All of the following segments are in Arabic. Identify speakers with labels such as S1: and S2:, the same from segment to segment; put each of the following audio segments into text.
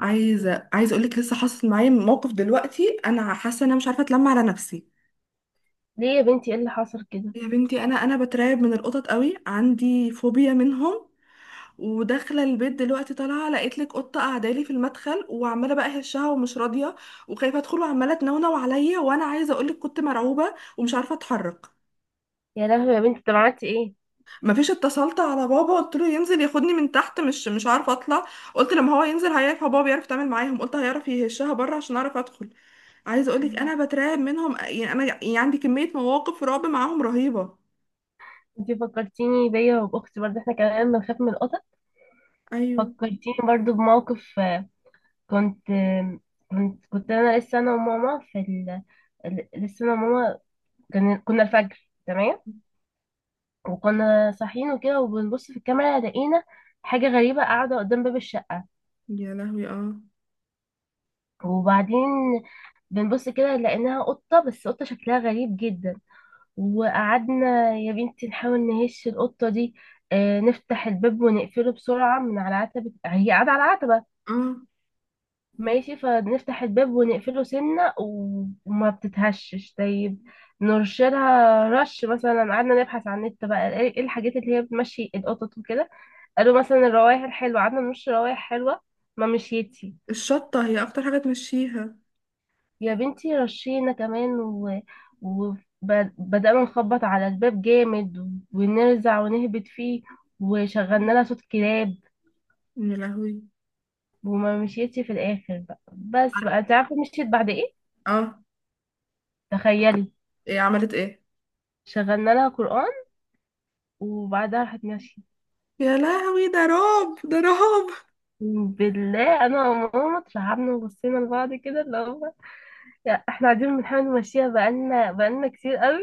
S1: عايزه اقول لك لسه حاصل معايا موقف دلوقتي. انا حاسه ان انا مش عارفه اتلم على نفسي.
S2: ليه يا بنتي، ايه اللي حصل كده؟
S1: يا بنتي انا بترعب من القطط قوي، عندي فوبيا منهم. وداخله البيت دلوقتي طالعه لقيت لك قطه قاعده لي في المدخل، وعماله بقى هشها ومش راضيه، وخايفه ادخل وعماله تنونو عليا، وانا عايزه اقول لك كنت مرعوبه ومش عارفه اتحرك.
S2: يا لهوي يا بنتي، طب عملتي ايه؟
S1: مفيش، اتصلت على بابا قلت له ينزل ياخدني من تحت، مش عارفه اطلع. قلت لما هو ينزل هيعرف، هو بابا بيعرف يتعامل معاهم، قلت هيعرف يهشها بره عشان اعرف ادخل. عايزه اقولك
S2: مم.
S1: انا بترعب منهم، يعني انا يعني عندي كميه مواقف رعب معاهم رهيبه.
S2: انتي فكرتيني بيا وباختي، برضه احنا كمان بنخاف من القطط.
S1: ايوه.
S2: فكرتيني برضه بموقف. كنت آه، كنت كنت انا وماما لسه انا وماما كنا الفجر تمام. وكنا صاحيين وكده، وبنبص في الكاميرا لقينا حاجة غريبة قاعدة قدام باب الشقة.
S1: يا لهوي اه.
S2: وبعدين بنبص كده لقيناها قطة، بس قطة شكلها غريب جدا. وقعدنا يا بنتي نحاول نهش القطة دي. نفتح الباب ونقفله بسرعة من على عتبة، هي قاعدة على عتبة.
S1: اه.
S2: ماشي، فنفتح الباب ونقفله سنة و- وما بتتهشش. طيب، نرشلها رش مثلا. قعدنا نبحث على النت بقى إيه الحاجات اللي هي بتمشي القطط وكده. قالوا مثلا الروايح الحلوة، قعدنا نرش روايح حلوة. ما مشيتش.
S1: الشطه هي اكتر حاجه تمشيها.
S2: يا بنتي رشينا كمان وبدأنا نخبط على الباب جامد، ونرزع ونهبط فيه. وشغلنا لها صوت كلاب.
S1: يا لهوي.
S2: وما مشيتش في الآخر بقى، بس بقى انت عارفة مشيت بعد ايه؟
S1: اه.
S2: تخيلي.
S1: ايه عملت ايه؟
S2: شغلنا لها قرآن، وبعدها راحت ماشية.
S1: يا لهوي ده رعب ده رعب.
S2: بالله انا وماما اترعبنا وبصينا لبعض كده، اللي هو لا، احنا قاعدين بنحاول نمشيها بقالنا كتير قوي.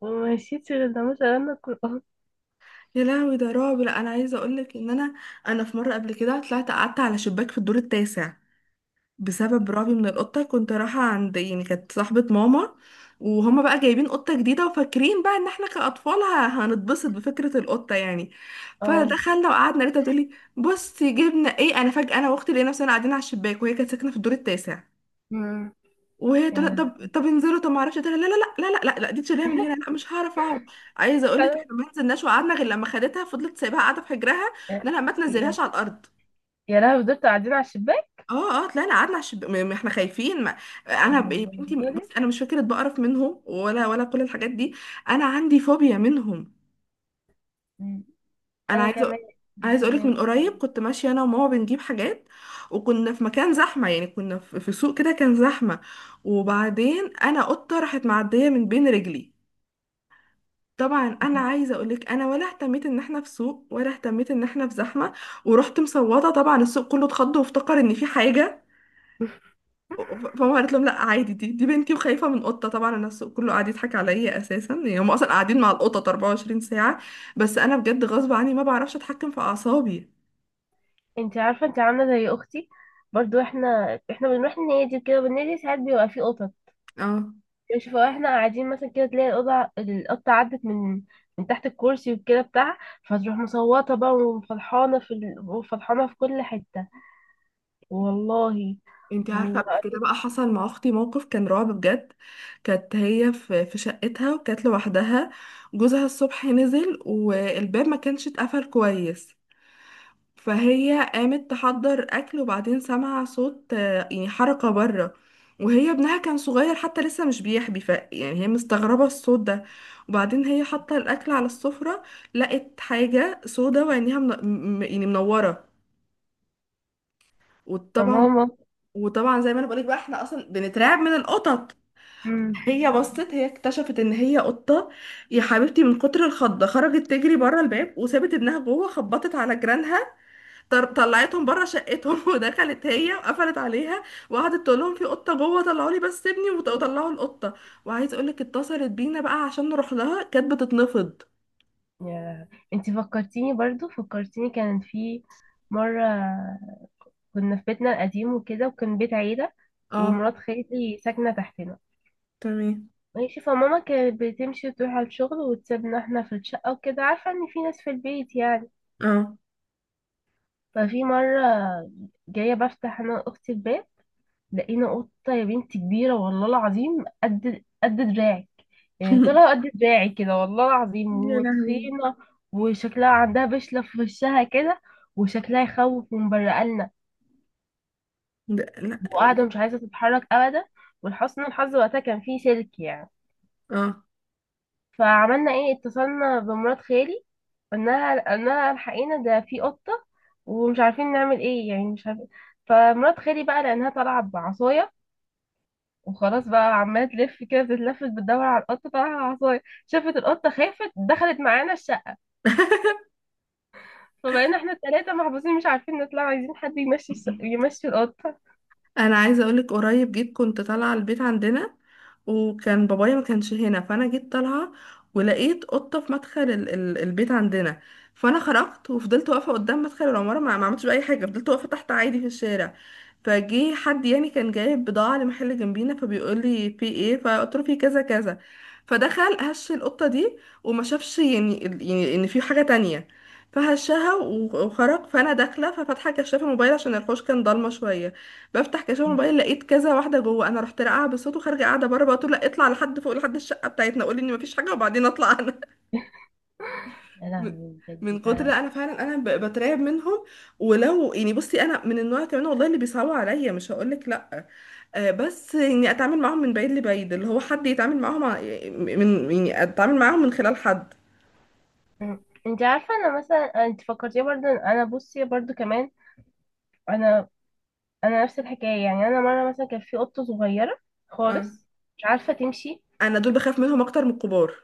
S2: ومشيتش غير لما شغلنا القرآن.
S1: يا لهوي ده رعب. لا انا عايزه اقولك ان انا، انا في مره قبل كده طلعت قعدت على شباك في الدور التاسع بسبب رعبي من القطة. كنت رايحة عند يعني كانت صاحبة ماما، وهما بقى جايبين قطة جديدة وفاكرين بقى ان احنا كأطفال هنتبسط بفكرة القطة يعني.
S2: اه.
S1: فدخلنا وقعدنا لقيتها بتقولي بصي جبنا ايه. انا فجأة انا واختي لقينا نفسنا قاعدين على الشباك، وهي كانت ساكنة في الدور التاسع.
S2: مم.
S1: وهي تقول
S2: يعني.
S1: طب طب انزلوا، طب ما اعرفش، لا لا لا، لا لا لا، لا دي تشيليها من هنا، لا مش هعرف اقعد. عايزه اقول لك احنا ما نزلناش وقعدنا غير لما خدتها، فضلت سايباها قاعده في حجرها، ان
S2: يا
S1: انا ما تنزلهاش على الارض.
S2: يا لهوي، دول قاعدين على الشباك.
S1: اه اه طلعنا قعدنا على احنا خايفين ما... انا
S2: أنا
S1: يا بنتي
S2: بالنسبة لي-
S1: بصي انا مش فكره بقرف منهم ولا كل الحاجات دي. انا عندي فوبيا منهم.
S2: مم.
S1: انا
S2: أنا
S1: عايزه
S2: كمان، أنا
S1: عايزه اقولك
S2: كمان.
S1: من قريب كنت ماشيه انا وماما بنجيب حاجات، وكنا في مكان زحمه، يعني كنا في سوق كده كان زحمه. وبعدين انا قطه راحت معديه من بين رجلي. طبعا انا عايزه اقولك انا ولا اهتميت ان احنا في سوق ولا اهتميت ان احنا في زحمه، ورحت مصوته. طبعا السوق كله اتخض وافتكر ان في حاجه. فماما قالت لهم لا عادي، دي بنتي وخايفه من قطه. طبعا الناس كله قاعد يضحك عليا اساسا، يعني هم اصلا قاعدين مع القطط 24 ساعه. بس انا بجد غصب عني ما بعرفش اتحكم في اعصابي.
S2: انت عارفة، انت عاملة زي أختي. برضو احنا بنروح النادي وكده، والنادي ساعات بيبقى فيه قطط.
S1: اه.
S2: شوف، احنا قاعدين مثلا كده تلاقي القطة عدت من تحت الكرسي وكده بتاعها. فتروح مصوتة بقى وفرحانة في كل حتة. والله.
S1: انتي عارفه
S2: و...
S1: قبل كده بقى حصل مع اختي موقف كان رعب بجد. كانت هي في شقتها وكانت لوحدها. جوزها الصبح نزل والباب ما كانش اتقفل كويس، فهي قامت تحضر اكل، وبعدين سمع صوت يعني حركه بره. وهي ابنها كان صغير حتى لسه مش بيحبي، ف يعني هي مستغربه الصوت ده. وبعدين هي حاطه الاكل على السفره، لقت حاجه سودا وعينيها يعني منوره.
S2: يا
S1: وطبعا،
S2: ماما.
S1: وطبعا زي ما انا بقولك بقى احنا اصلا بنترعب من القطط.
S2: مم.
S1: هي بصت، هي اكتشفت ان هي قطه. يا حبيبتي من كتر الخضه خرجت تجري بره الباب وسابت ابنها جوه، خبطت على جيرانها، طلعتهم بره شقتهم ودخلت هي وقفلت عليها، وقعدت تقول لهم في قطه جوه طلعوا لي بس ابني وطلعوا القطه. وعايز اقول لك اتصلت بينا بقى عشان نروح لها كانت بتتنفض.
S2: يا انتي، فكرتيني برضو فكرتيني كان في مرة. كنا في بيتنا القديم وكده، وكان بيت عيلة.
S1: اه.
S2: ومرات خالي ساكنة تحتنا.
S1: تمام.
S2: ماشي، فماما كانت بتمشي وتروح على الشغل وتسيبنا احنا في الشقة وكده، عارفة ان في ناس في البيت يعني.
S1: اه.
S2: ففي مرة، جاية بفتح انا واختي الباب، لقينا قطة يا بنتي كبيرة، والله العظيم، قد دراعي. يعني طلع قد دراعي كده، والله العظيم،
S1: يا لهوي.
S2: وتخينة. وشكلها عندها بشلة في وشها كده، وشكلها يخوف من بره قالنا.
S1: ده- لا.
S2: وقاعدة مش عايزة تتحرك أبدا. ولحسن الحظ وقتها كان فيه سلك يعني.
S1: اه.
S2: فعملنا ايه؟ اتصلنا بمرات خالي، قلناها الحقينا ده في قطة، ومش عارفين نعمل ايه، يعني مش عارفين. فمرات خالي بقى، لأنها طالعة بعصاية وخلاص بقى عمالة تلف كده، بتتلفت بتدور على القطة، طالعة على العصاية، شافت القطة خافت، دخلت معانا. فبقينا احنا التلاتة محبوسين، مش عارفين نطلع، عايزين حد يمشي يمشي القطة.
S1: انا عايزه اقولك قريب جيت كنت طالعه البيت عندنا، وكان بابايا ما كانش هنا، فانا جيت طالعه ولقيت قطه في مدخل ال البيت عندنا. فانا خرجت وفضلت واقفه قدام مدخل العماره، ما عملتش باي حاجه، فضلت واقفه تحت عادي في الشارع. فجه حد يعني كان جايب بضاعه لمحل جنبينا فبيقول لي في ايه، فقلت له في كذا كذا. فدخل هش القطه دي وما شافش، يعني ان في حاجه تانية. فهشها و- وخرج. فانا داخله ففاتحه كشاف الموبايل عشان الحوش كان ضلمه شويه. بفتح كشاف الموبايل لقيت كذا واحده جوه، انا رحت راقعه بالصوت وخارجه قاعده بره بقول لا اطلع لحد فوق، لحد الشقه بتاعتنا قولي ان مفيش حاجه وبعدين اطلع انا.
S2: يا
S1: من،
S2: لهوي،
S1: من
S2: بجد
S1: كتر،
S2: ده.
S1: لا انا فعلا انا بترعب منهم. ولو يعني بصي انا من النوع كمان والله اللي بيصعبوا عليا مش هقولك لا، آه، بس اني اتعامل معاهم من بعيد لبعيد، اللي هو حد يتعامل معاهم من يعني اتعامل معاهم من خلال حد.
S2: مم. انت عارفة، انا مثلا انت فكرتيني برضه إن انا، بصي برضه كمان. انا انا نفس الحكاية. يعني انا مرة مثلا كان في قطة صغيرة
S1: آه.
S2: خالص، مش عارفة تمشي.
S1: انا دول بخاف منهم اكتر من الكبار.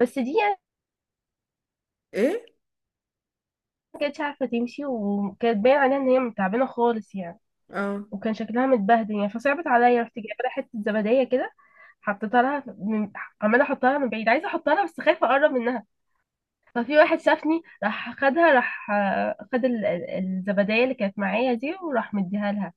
S2: بس دي يعني
S1: ايه.
S2: ما كانتش عارفة تمشي، وكانت باين عليها ان هي تعبانة خالص يعني،
S1: اه.
S2: وكان شكلها متبهدل يعني. فصعبت عليا، رحت جايبة لها حتة زبدية كده، حطيتها لها من، عمالة احطها لها من بعيد، عايزة احطها لها بس خايفة اقرب منها. ففي واحد شافني راح خدها، راح خد الزبدية اللي كانت معايا دي، وراح مديها لها.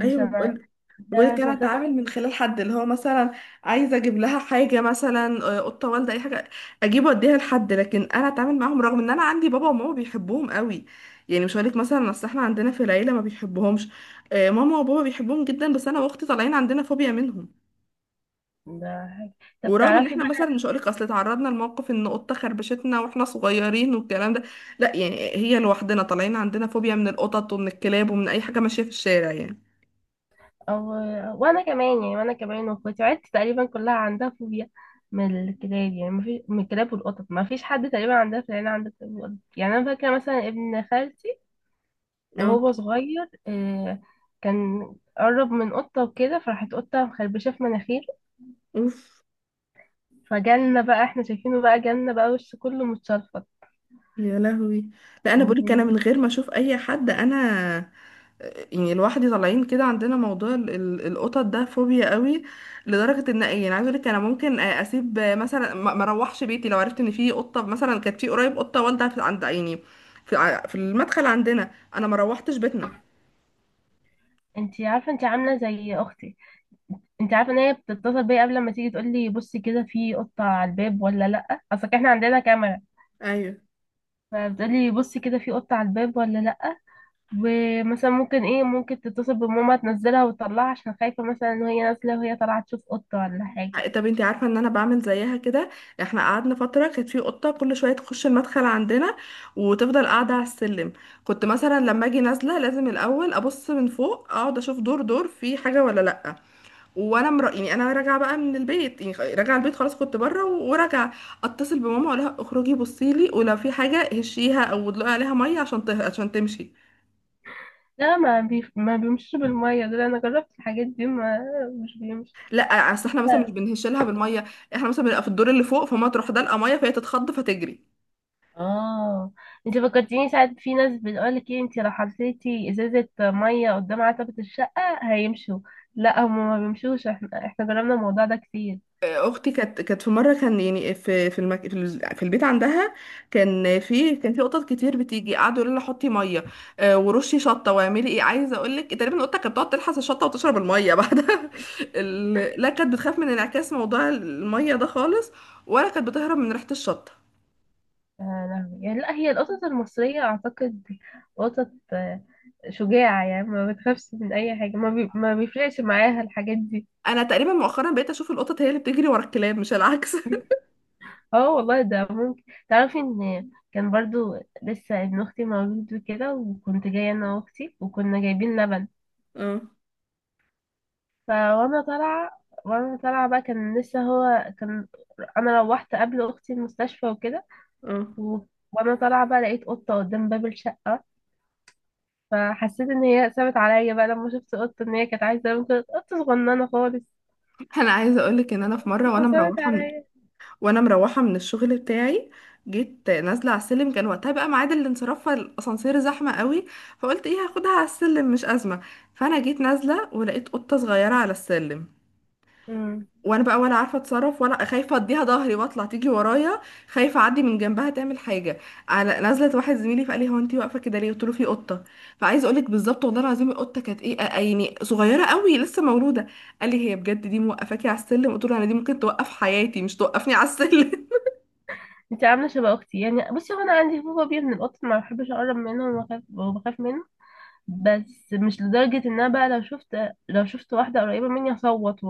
S1: ايوه.
S2: ده
S1: وكان
S2: عشان خاطر.
S1: اتعامل من خلال حد، اللي هو مثلا عايزه اجيب لها حاجه مثلا، قطه والده اي حاجه، اجيب واديها لحد، لكن انا اتعامل معاهم، رغم ان انا عندي بابا وماما بيحبوهم قوي. يعني مش هقولك مثلا اصل احنا عندنا في العيله ما بيحبوهمش، ماما وبابا بيحبوهم جدا، بس انا واختي طالعين عندنا فوبيا منهم.
S2: ده طب
S1: ورغم ان
S2: تعرفي
S1: احنا مثلا
S2: بقى.
S1: مش هقولك اصل اتعرضنا لموقف ان قطه خربشتنا واحنا صغيرين والكلام ده، لا يعني هي لوحدنا طالعين عندنا فوبيا من القطط ومن الكلاب ومن اي حاجه ماشيه في الشارع يعني.
S2: أو... وانا كمان يعني، وانا كمان واخواتي عيلتي تقريبا كلها عندها فوبيا من الكلاب. يعني ما فيش من الكلاب والقطط، ما فيش حد تقريبا عندها في العيله عنده كلاب وقطط. يعني انا فاكره مثلا ابن خالتي
S1: اه.
S2: وهو صغير، آه، كان قرب من قطه وكده، فراحت قطه مخربشه في مناخيره.
S1: اوف.
S2: فجالنا بقى، احنا شايفينه بقى، جالنا بقى وش كله متشرفط.
S1: يا لهوي. لا انا بقولك
S2: و-
S1: انا من غير ما اشوف اي حد، انا يعني لوحدي طالعين كده عندنا موضوع القطط ده فوبيا قوي. لدرجه ان يعني عايزه اقولك انا ممكن اسيب مثلا، ما اروحش بيتي لو عرفت ان في قطه. مثلا كانت في قريب قطه والده في عند عيني، في في المدخل عندنا، انا ما روحتش بيتنا.
S2: انتي عارفه، انتي عامله زي اختي. انتي عارفه ان هي بتتصل بيا قبل ما تيجي تقول لي بصي كده، في قطه على الباب ولا لا، اصل احنا عندنا كاميرا.
S1: ايوه.
S2: فبتقول لي بصي كده في قطه على الباب ولا لا. ومثلا ممكن ايه، ممكن تتصل بماما تنزلها وتطلعها، عشان خايفه مثلا ان هي نازله، وهي طالعه تشوف قطه ولا حاجه.
S1: طب انتي عارفه ان انا بعمل زيها كده. احنا قعدنا فتره كانت في قطه كل شويه تخش المدخل عندنا وتفضل قاعده على السلم، كنت مثلا لما اجي نازله لازم الاول ابص من فوق، اقعد اشوف دور في حاجه ولا لا. يعني انا راجعه بقى من البيت، يعني راجعه البيت خلاص كنت بره و- وراجعه. اتصل بماما اقول لها اخرجي بصي لي ولو في حاجه هشيها او ادلقي عليها ميه عشان عشان تمشي.
S2: لا، ما بيمشيش بالميه ده. انا جربت الحاجات دي ما، مش بيمشي.
S1: لا اصل احنا مثلا مش بنهش لها بالميه، احنا مثلا بنبقى في الدور اللي فوق، فما تروح دلقه ميه فهي تتخض فتجري.
S2: اه، انت فكرتيني، ساعات في ناس بتقولك ايه، انت لو حطيتي ازازة مية قدام عتبة الشقة هيمشوا. لا، هم ما بيمشوش، احنا جربنا الموضوع ده كتير.
S1: اختي كانت في مره كان يعني في في في البيت عندها، كان في، كان في قطط كتير بتيجي، قعدوا يقولوا لها حطي ميه، ورشي شطه واعملي ايه. عايزه اقول لك تقريبا القطه كانت بتقعد تلحس الشطه وتشرب الميه بعدها ال... لا كانت بتخاف من انعكاس موضوع الميه ده خالص، ولا كانت بتهرب من ريحه الشطه.
S2: آه لا. يعني لا، هي القطط المصرية اعتقد قطط شجاعة، يعني ما بتخافش من اي حاجة، ما بيفرقش معاها الحاجات دي.
S1: انا تقريبا مؤخرا بقيت اشوف القطط هي اللي بتجري ورا الكلاب مش العكس.
S2: اه، والله ده ممكن. تعرفي ان كان برضو لسه ابن اختي مولود وكده، وكنت جاية انا واختي وكنا جايبين لبن.
S1: اه.
S2: فوانا طالعة، وانا طالعة بقى كان لسه هو كان. انا روحت قبل اختي المستشفى وكده،
S1: اه.
S2: و... وانا طالعة بقى لقيت قطة قدام باب الشقة. فحسيت ان هي سابت عليا بقى، لما شفت قطة ان هي كانت عايزة، ممكن قطة صغننة خالص،
S1: انا عايزه اقول لك ان انا في مره وانا
S2: فسابت
S1: مروحه،
S2: عليا.
S1: وانا مروحه من الشغل بتاعي، جيت نازله على السلم، كان وقتها بقى ميعاد الانصراف فالاسانسير زحمه قوي، فقلت ايه هاخدها على السلم مش ازمه. فانا جيت نازله ولقيت قطه صغيره على السلم.
S2: امم
S1: وانا بقى ولا عارفه اتصرف، ولا خايفه اديها ظهري واطلع تيجي ورايا، خايفه اعدي من جنبها تعمل حاجه. على نزلت واحد زميلي فقال لي هو انت واقفه كده ليه، قلت له في قطه. فعايزه اقول لك بالظبط والله العظيم القطه كانت ايه يعني صغيره قوي لسه مولوده. قال لي هي بجد دي موقفاكي على السلم، قلت له انا دي ممكن توقف حياتي مش توقفني على السلم.
S2: انت عاملة شبه اختي، يعني بصي هو انا عندي فوبيا بيه من القطط، ما بحبش اقرب منه وبخاف وبخاف منه. بس مش لدرجة ان انا بقى لو شفت، لو شفت واحدة قريبة مني هصوت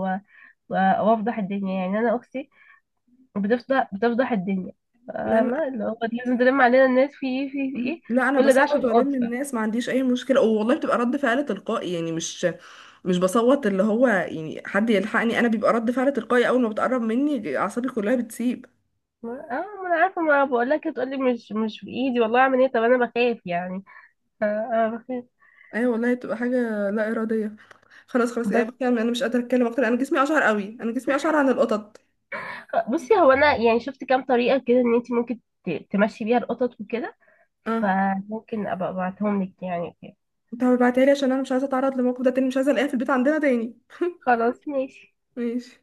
S2: و- وافضح الدنيا، يعني انا اختي وبتفضح الدنيا،
S1: لا لا.
S2: فاهمة، اللي هو لازم تلم علينا الناس في ايه في إيه، في ايه.
S1: لا انا
S2: كل ده
S1: بصوت
S2: عشان
S1: والم
S2: قطة.
S1: الناس ما عنديش اي مشكله والله، بتبقى رد فعل تلقائي يعني، مش مش بصوت اللي هو يعني حد يلحقني، انا بيبقى رد فعل تلقائي اول ما بتقرب مني اعصابي كلها بتسيب.
S2: اه، ما انا عارفة، ما بقول لك تقولي مش في ايدي والله، اعمل ايه، طب انا بخاف يعني. آه، آه، بخاف.
S1: ايوه والله بتبقى حاجه لا اراديه. خلاص خلاص يعني
S2: بس
S1: بتكلم انا مش قادره اتكلم اكتر، انا جسمي اشعر قوي، انا جسمي اشعر عن القطط.
S2: بصي، هو انا يعني شفت كام طريقة كده ان انت ممكن تمشي بيها القطط وكده.
S1: اه.
S2: فممكن ابقى ابعتهم لك يعني كده.
S1: انت هبعتها لي عشان انا مش عايزه اتعرض للموقف ده تاني، مش عايزه الاقيها في البيت عندنا تاني.
S2: خلاص ماشي.
S1: ماشي.